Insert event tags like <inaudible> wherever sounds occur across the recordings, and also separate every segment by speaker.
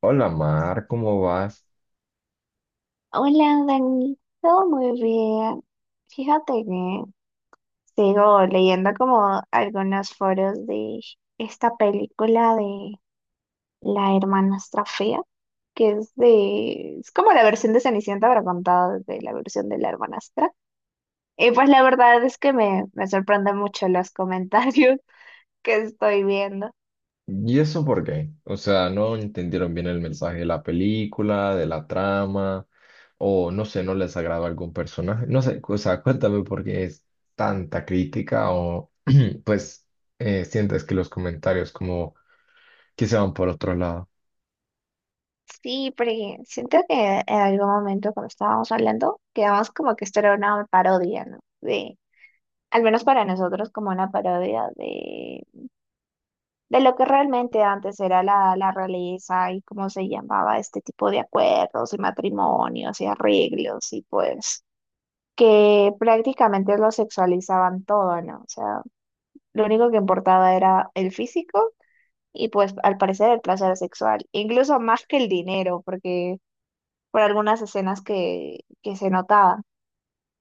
Speaker 1: Hola Mar, ¿cómo vas?
Speaker 2: Hola, Dani. Todo muy bien. Fíjate que sigo leyendo como algunos foros de esta película de La hermanastra fea, que es de... Es como la versión de Cenicienta, pero contada desde la versión de la hermanastra. Y pues la verdad es que me sorprenden mucho los comentarios <laughs> que estoy viendo.
Speaker 1: ¿Y eso por qué? O sea, no entendieron bien el mensaje de la película, de la trama, o no sé, no les agradó algún personaje. No sé, o sea, cuéntame por qué es tanta crítica o <clears throat> pues sientes que los comentarios como que se van por otro lado.
Speaker 2: Sí, porque siento que en algún momento cuando estábamos hablando, quedamos como que esto era una parodia, ¿no? De al menos para nosotros, como una parodia de lo que realmente antes era la realeza y cómo se llamaba este tipo de acuerdos y matrimonios y arreglos y pues que prácticamente lo sexualizaban todo, ¿no? O sea, lo único que importaba era el físico y pues al parecer el placer sexual, incluso más que el dinero, porque por algunas escenas que se notaban,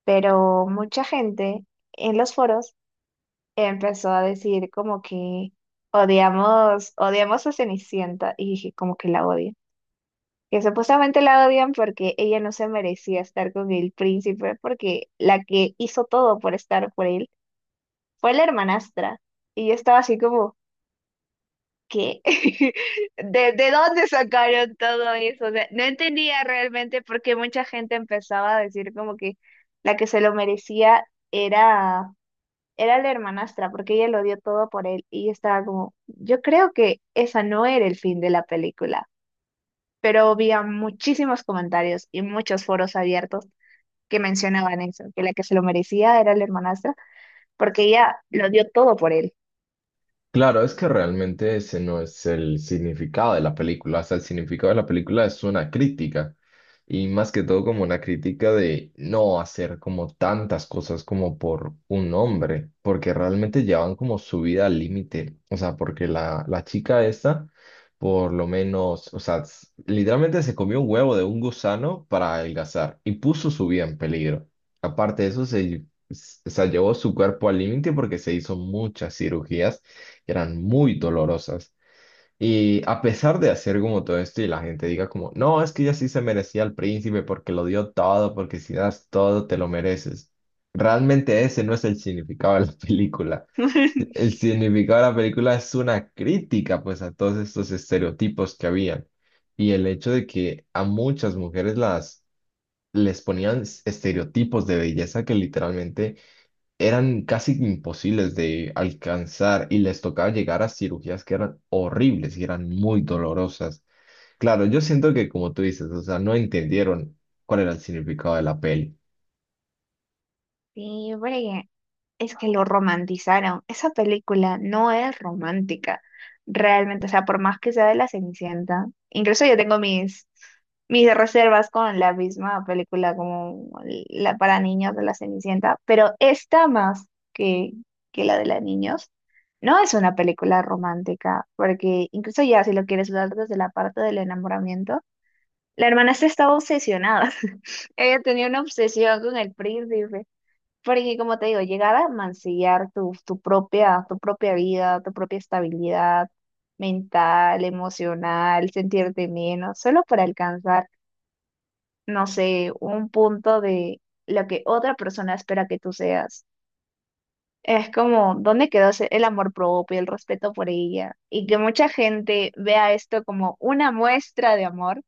Speaker 2: pero mucha gente en los foros empezó a decir como que odiamos, odiamos a Cenicienta y dije como que la odian. Que supuestamente la odian porque ella no se merecía estar con el príncipe, porque la que hizo todo por estar por él fue la hermanastra. Y yo estaba así como, ¿qué? <laughs> De dónde sacaron todo eso? O sea, no entendía realmente por qué mucha gente empezaba a decir como que la que se lo merecía era era la hermanastra, porque ella lo dio todo por él y yo estaba como, yo creo que esa no era el fin de la película, pero había muchísimos comentarios y muchos foros abiertos que mencionaban eso, que la que se lo merecía era la hermanastra, porque ella lo dio todo por él.
Speaker 1: Claro, es que realmente ese no es el significado de la película. O sea, el significado de la película es una crítica. Y más que todo como una crítica de no hacer como tantas cosas como por un hombre. Porque realmente llevan como su vida al límite. O sea, porque la chica esta, por lo menos, o sea, literalmente se comió un huevo de un gusano para adelgazar. Y puso su vida en peligro. Aparte de eso, o sea, llevó su cuerpo al límite porque se hizo muchas cirugías que eran muy dolorosas. Y a pesar de hacer como todo esto y la gente diga como, no, es que ella sí se merecía al príncipe porque lo dio todo, porque si das todo te lo mereces. Realmente ese no es el significado de la <laughs> película.
Speaker 2: <laughs>
Speaker 1: El significado de la película es una crítica pues a todos estos estereotipos que habían y el hecho de que a muchas mujeres las les ponían estereotipos de belleza que literalmente eran casi imposibles de alcanzar y les tocaba llegar a cirugías que eran horribles y eran muy dolorosas. Claro, yo siento que como tú dices, o sea, no entendieron cuál era el significado de la peli.
Speaker 2: Sí, porque es que lo romantizaron. Esa película no es romántica, realmente. O sea, por más que sea de la Cenicienta, incluso yo tengo mis reservas con la misma película como la para niños de la Cenicienta, pero esta más que, que la de la niños. No es una película romántica, porque incluso ya si lo quieres ver desde la parte del enamoramiento, la hermana se estaba obsesionada. <laughs> Ella tenía una obsesión con el príncipe. Porque como te digo, llegar a mancillar tu propia, tu propia vida, tu propia estabilidad mental, emocional, sentirte menos, solo para alcanzar, no sé, un punto de lo que otra persona espera que tú seas. Es como, ¿dónde quedó el amor propio, el respeto por ella? Y que mucha gente vea esto como una muestra de amor,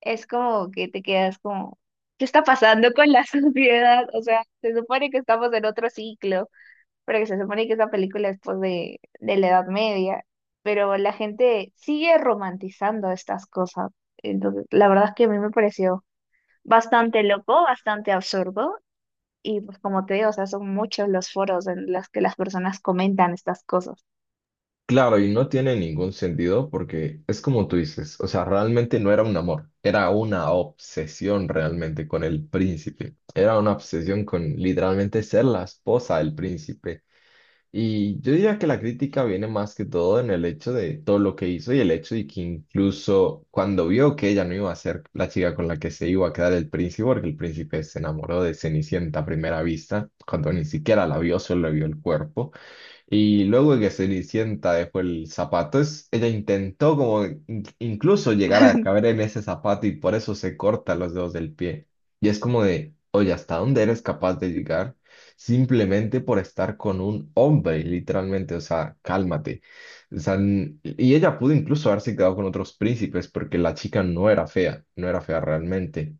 Speaker 2: es como que te quedas como, ¿qué está pasando con la <laughs> sociedad? O sea, se supone que estamos en otro ciclo porque se supone que esa película es pues de la Edad Media, pero la gente sigue romantizando estas cosas. Entonces, la verdad es que a mí me pareció bastante loco, bastante absurdo, y pues como te digo, o sea, son muchos los foros en los que las personas comentan estas cosas.
Speaker 1: Claro, y no tiene ningún sentido porque es como tú dices, o sea, realmente no era un amor, era una obsesión realmente con el príncipe, era una obsesión con literalmente ser la esposa del príncipe. Y yo diría que la crítica viene más que todo en el hecho de todo lo que hizo y el hecho de que incluso cuando vio que ella no iba a ser la chica con la que se iba a quedar el príncipe, porque el príncipe se enamoró de Cenicienta a primera vista, cuando ni siquiera la vio, solo le vio el cuerpo. Y luego de que Cenicienta dejó el zapato, ella intentó como incluso llegar a caber
Speaker 2: <laughs>
Speaker 1: en ese zapato y por eso se corta los dedos del pie. Y es como de, oye, ¿hasta dónde eres capaz de llegar? Simplemente por estar con un hombre, literalmente, o sea, cálmate. O sea, y ella pudo incluso haberse quedado con otros príncipes porque la chica no era fea, no era fea realmente.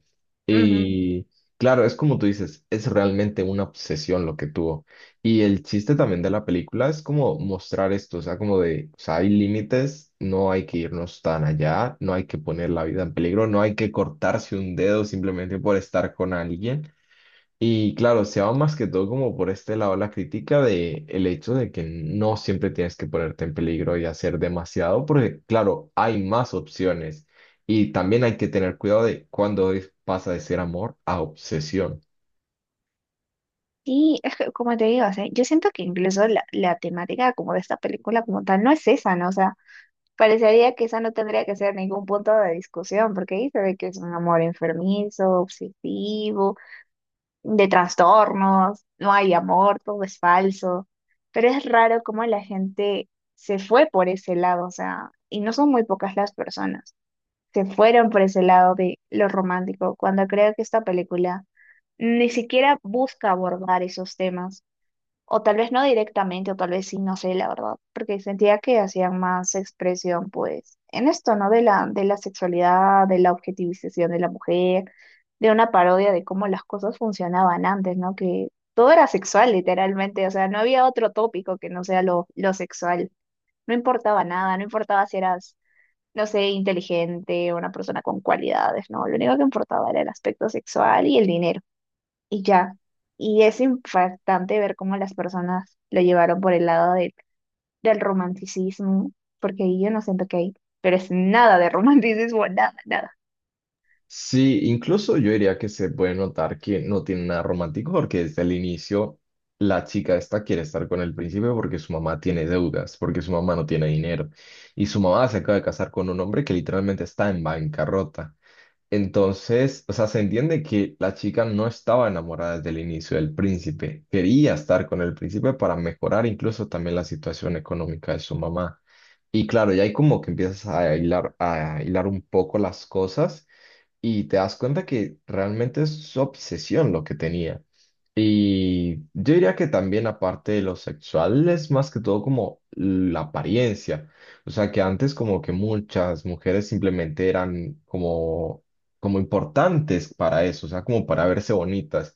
Speaker 2: Ujú.
Speaker 1: Y claro, es como tú dices, es realmente una obsesión lo que tuvo. Y el chiste también de la película es como mostrar esto, o sea, como de, o sea, hay límites, no hay que irnos tan allá, no hay que poner la vida en peligro, no hay que cortarse un dedo simplemente por estar con alguien. Y claro, se va más que todo como por este lado la crítica de el hecho de que no siempre tienes que ponerte en peligro y hacer demasiado, porque claro, hay más opciones. Y también hay que tener cuidado de cuando pasa de ser amor a obsesión.
Speaker 2: Sí, es que como te digo, o sea, yo siento que incluso la temática como de esta película como tal no es esa, ¿no? O sea, parecería que esa no tendría que ser ningún punto de discusión, porque ahí se ve que es un amor enfermizo, obsesivo, de trastornos, no hay amor, todo es falso. Pero es raro cómo la gente se fue por ese lado, o sea, y no son muy pocas las personas, se fueron por ese lado de lo romántico, cuando creo que esta película ni siquiera busca abordar esos temas. O tal vez no directamente, o tal vez sí, no sé, la verdad, porque sentía que hacían más expresión, pues, en esto, ¿no? De de la sexualidad, de la objetivización de la mujer, de una parodia de cómo las cosas funcionaban antes, ¿no? Que todo era sexual, literalmente, o sea, no había otro tópico que no sea lo sexual. No importaba nada, no importaba si eras, no sé, inteligente, una persona con cualidades, ¿no? Lo único que importaba era el aspecto sexual y el dinero y ya. Y es impactante ver cómo las personas lo llevaron por el lado del romanticismo, porque ahí yo no siento que hay, pero es nada de romanticismo, <laughs> nada, nada.
Speaker 1: Sí, incluso yo diría que se puede notar que no tiene nada romántico porque desde el inicio la chica esta quiere estar con el príncipe porque su mamá tiene deudas, porque su mamá no tiene dinero y su mamá se acaba de casar con un hombre que literalmente está en bancarrota. Entonces, o sea, se entiende que la chica no estaba enamorada desde el inicio del príncipe, quería estar con el príncipe para mejorar incluso también la situación económica de su mamá. Y claro, ya hay como que empiezas a hilar un poco las cosas y te das cuenta que realmente es su obsesión lo que tenía. Y yo diría que también aparte de lo sexual es más que todo como la apariencia. O sea que antes como que muchas mujeres simplemente eran como, como importantes para eso, o sea, como para verse bonitas.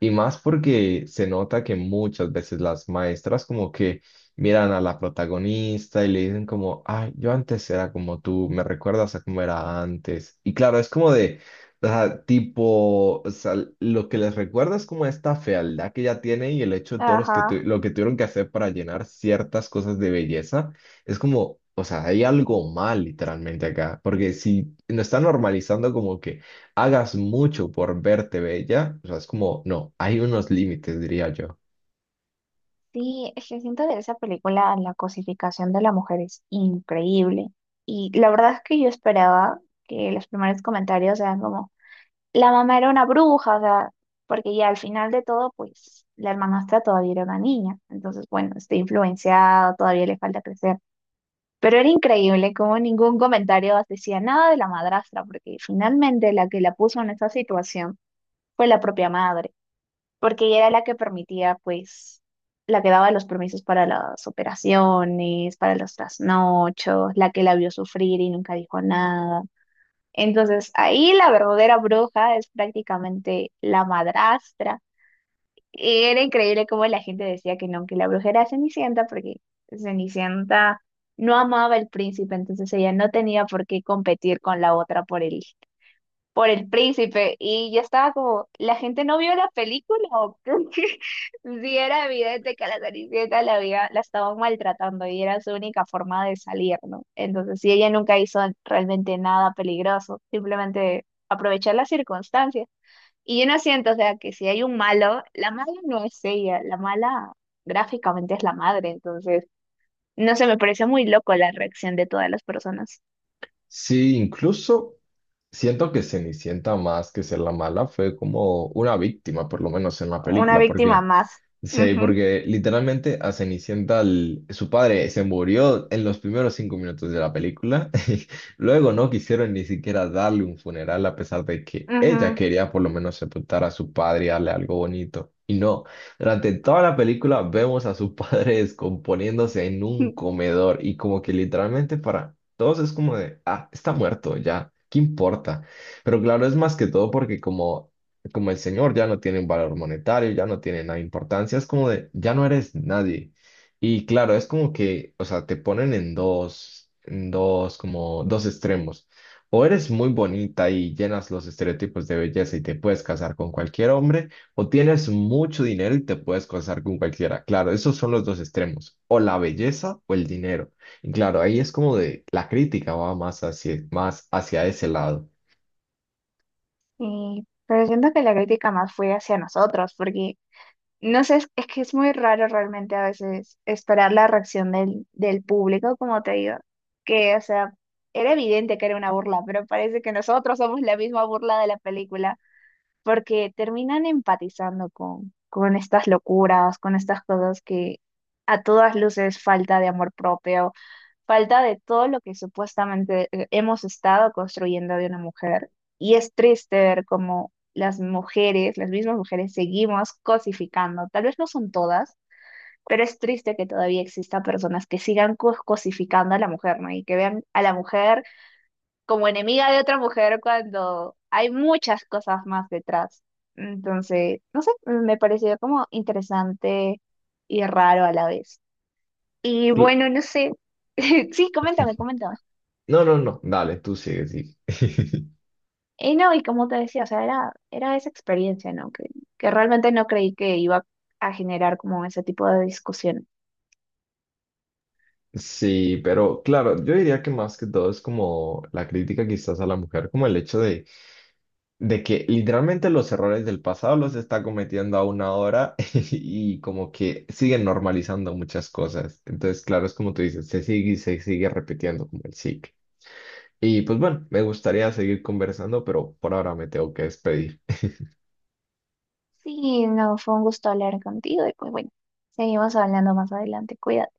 Speaker 1: Y más porque se nota que muchas veces las maestras como que miran a la protagonista y le dicen como, ay, yo antes era como tú, me recuerdas a cómo era antes. Y claro, es como de, o sea, tipo, o sea, lo que les recuerda es como esta fealdad que ya tiene y el hecho de todos los que
Speaker 2: Ajá.
Speaker 1: lo que tuvieron que hacer para llenar ciertas cosas de belleza. Es como, o sea, hay algo mal literalmente acá, porque si no está normalizando como que hagas mucho por verte bella, o sea, es como, no, hay unos límites, diría yo.
Speaker 2: Sí, es que siento de esa película la cosificación de la mujer es increíble. Y la verdad es que yo esperaba que los primeros comentarios eran como, la mamá era una bruja, o sea, porque ya al final de todo, pues la hermanastra todavía era una niña. Entonces, bueno, está influenciado, todavía le falta crecer. Pero era increíble como ningún comentario decía nada de la madrastra, porque finalmente la que la puso en esa situación fue la propia madre, porque ella era la que permitía, pues, la que daba los permisos para las operaciones, para los trasnochos, la que la vio sufrir y nunca dijo nada. Entonces, ahí la verdadera bruja es prácticamente la madrastra y era increíble cómo la gente decía que no, que la bruja era Cenicienta, porque Cenicienta no amaba al príncipe, entonces ella no tenía por qué competir con la otra por el príncipe. Y yo estaba como, ¿la gente no vio la película? ¿O qué? <laughs> Sí, era evidente que a la Cenicienta la, había, la estaban maltratando y era su única forma de salir, ¿no? Entonces, sí, ella nunca hizo realmente nada peligroso, simplemente aprovechar las circunstancias. Y yo no siento, o sea, que si hay un malo, la mala no es ella, la mala gráficamente es la madre, entonces, no sé, me pareció muy loco la reacción de todas las personas.
Speaker 1: Sí, incluso siento que Cenicienta más que ser la mala fue como una víctima, por lo menos en la
Speaker 2: Una
Speaker 1: película,
Speaker 2: víctima
Speaker 1: porque
Speaker 2: más.
Speaker 1: sí,
Speaker 2: Ujú,
Speaker 1: porque literalmente a Cenicienta su padre se murió en los primeros 5 minutos de la película. <laughs> Y luego no quisieron ni siquiera darle un funeral a pesar de que
Speaker 2: ujú.
Speaker 1: ella quería por lo menos sepultar a su padre y darle algo bonito. Y no, durante toda la película vemos a su padre <laughs> descomponiéndose en un
Speaker 2: <laughs>
Speaker 1: comedor y como que literalmente para todos es como de, ah, está muerto ya, ¿qué importa? Pero claro, es más que todo porque como el señor ya no tiene un valor monetario, ya no tiene nada de importancia, es como de, ya no eres nadie. Y claro, es como que, o sea, te ponen en dos, como dos extremos. O eres muy bonita y llenas los estereotipos de belleza y te puedes casar con cualquier hombre, o tienes mucho dinero y te puedes casar con cualquiera. Claro, esos son los dos extremos, o la belleza o el dinero. Y claro, ahí es como de la crítica va más hacia ese lado.
Speaker 2: Y, pero siento que la crítica más fue hacia nosotros, porque no sé, es que es muy raro realmente a veces esperar la reacción del público, como te digo, que, o sea, era evidente que era una burla, pero parece que nosotros somos la misma burla de la película, porque terminan empatizando con estas locuras, con estas cosas que a todas luces falta de amor propio, falta de todo lo que supuestamente hemos estado construyendo de una mujer. Y es triste ver cómo las mujeres, las mismas mujeres, seguimos cosificando. Tal vez no son todas, pero es triste que todavía exista personas que sigan cosificando a la mujer, ¿no? Y que vean a la mujer como enemiga de otra mujer cuando hay muchas cosas más detrás. Entonces, no sé, me pareció como interesante y raro a la vez. Y
Speaker 1: Cl-
Speaker 2: bueno, no sé. <laughs> Sí, coméntame, coméntame.
Speaker 1: No, no, no, dale, tú sigue, sigue. <laughs>
Speaker 2: Y no, y como te decía, o sea, era esa experiencia, ¿no? Que realmente no creí que iba a generar como ese tipo de discusión.
Speaker 1: Sí, pero claro, yo diría que más que todo es como la crítica quizás a la mujer, como el hecho de que literalmente los errores del pasado los está cometiendo aún ahora <laughs> y como que siguen normalizando muchas cosas. Entonces, claro, es como tú dices, se sigue y se sigue repitiendo como el ciclo. Y pues bueno, me gustaría seguir conversando, pero por ahora me tengo que despedir.
Speaker 2: Sí, no, fue un gusto hablar contigo y pues bueno, seguimos hablando más adelante. Cuídate.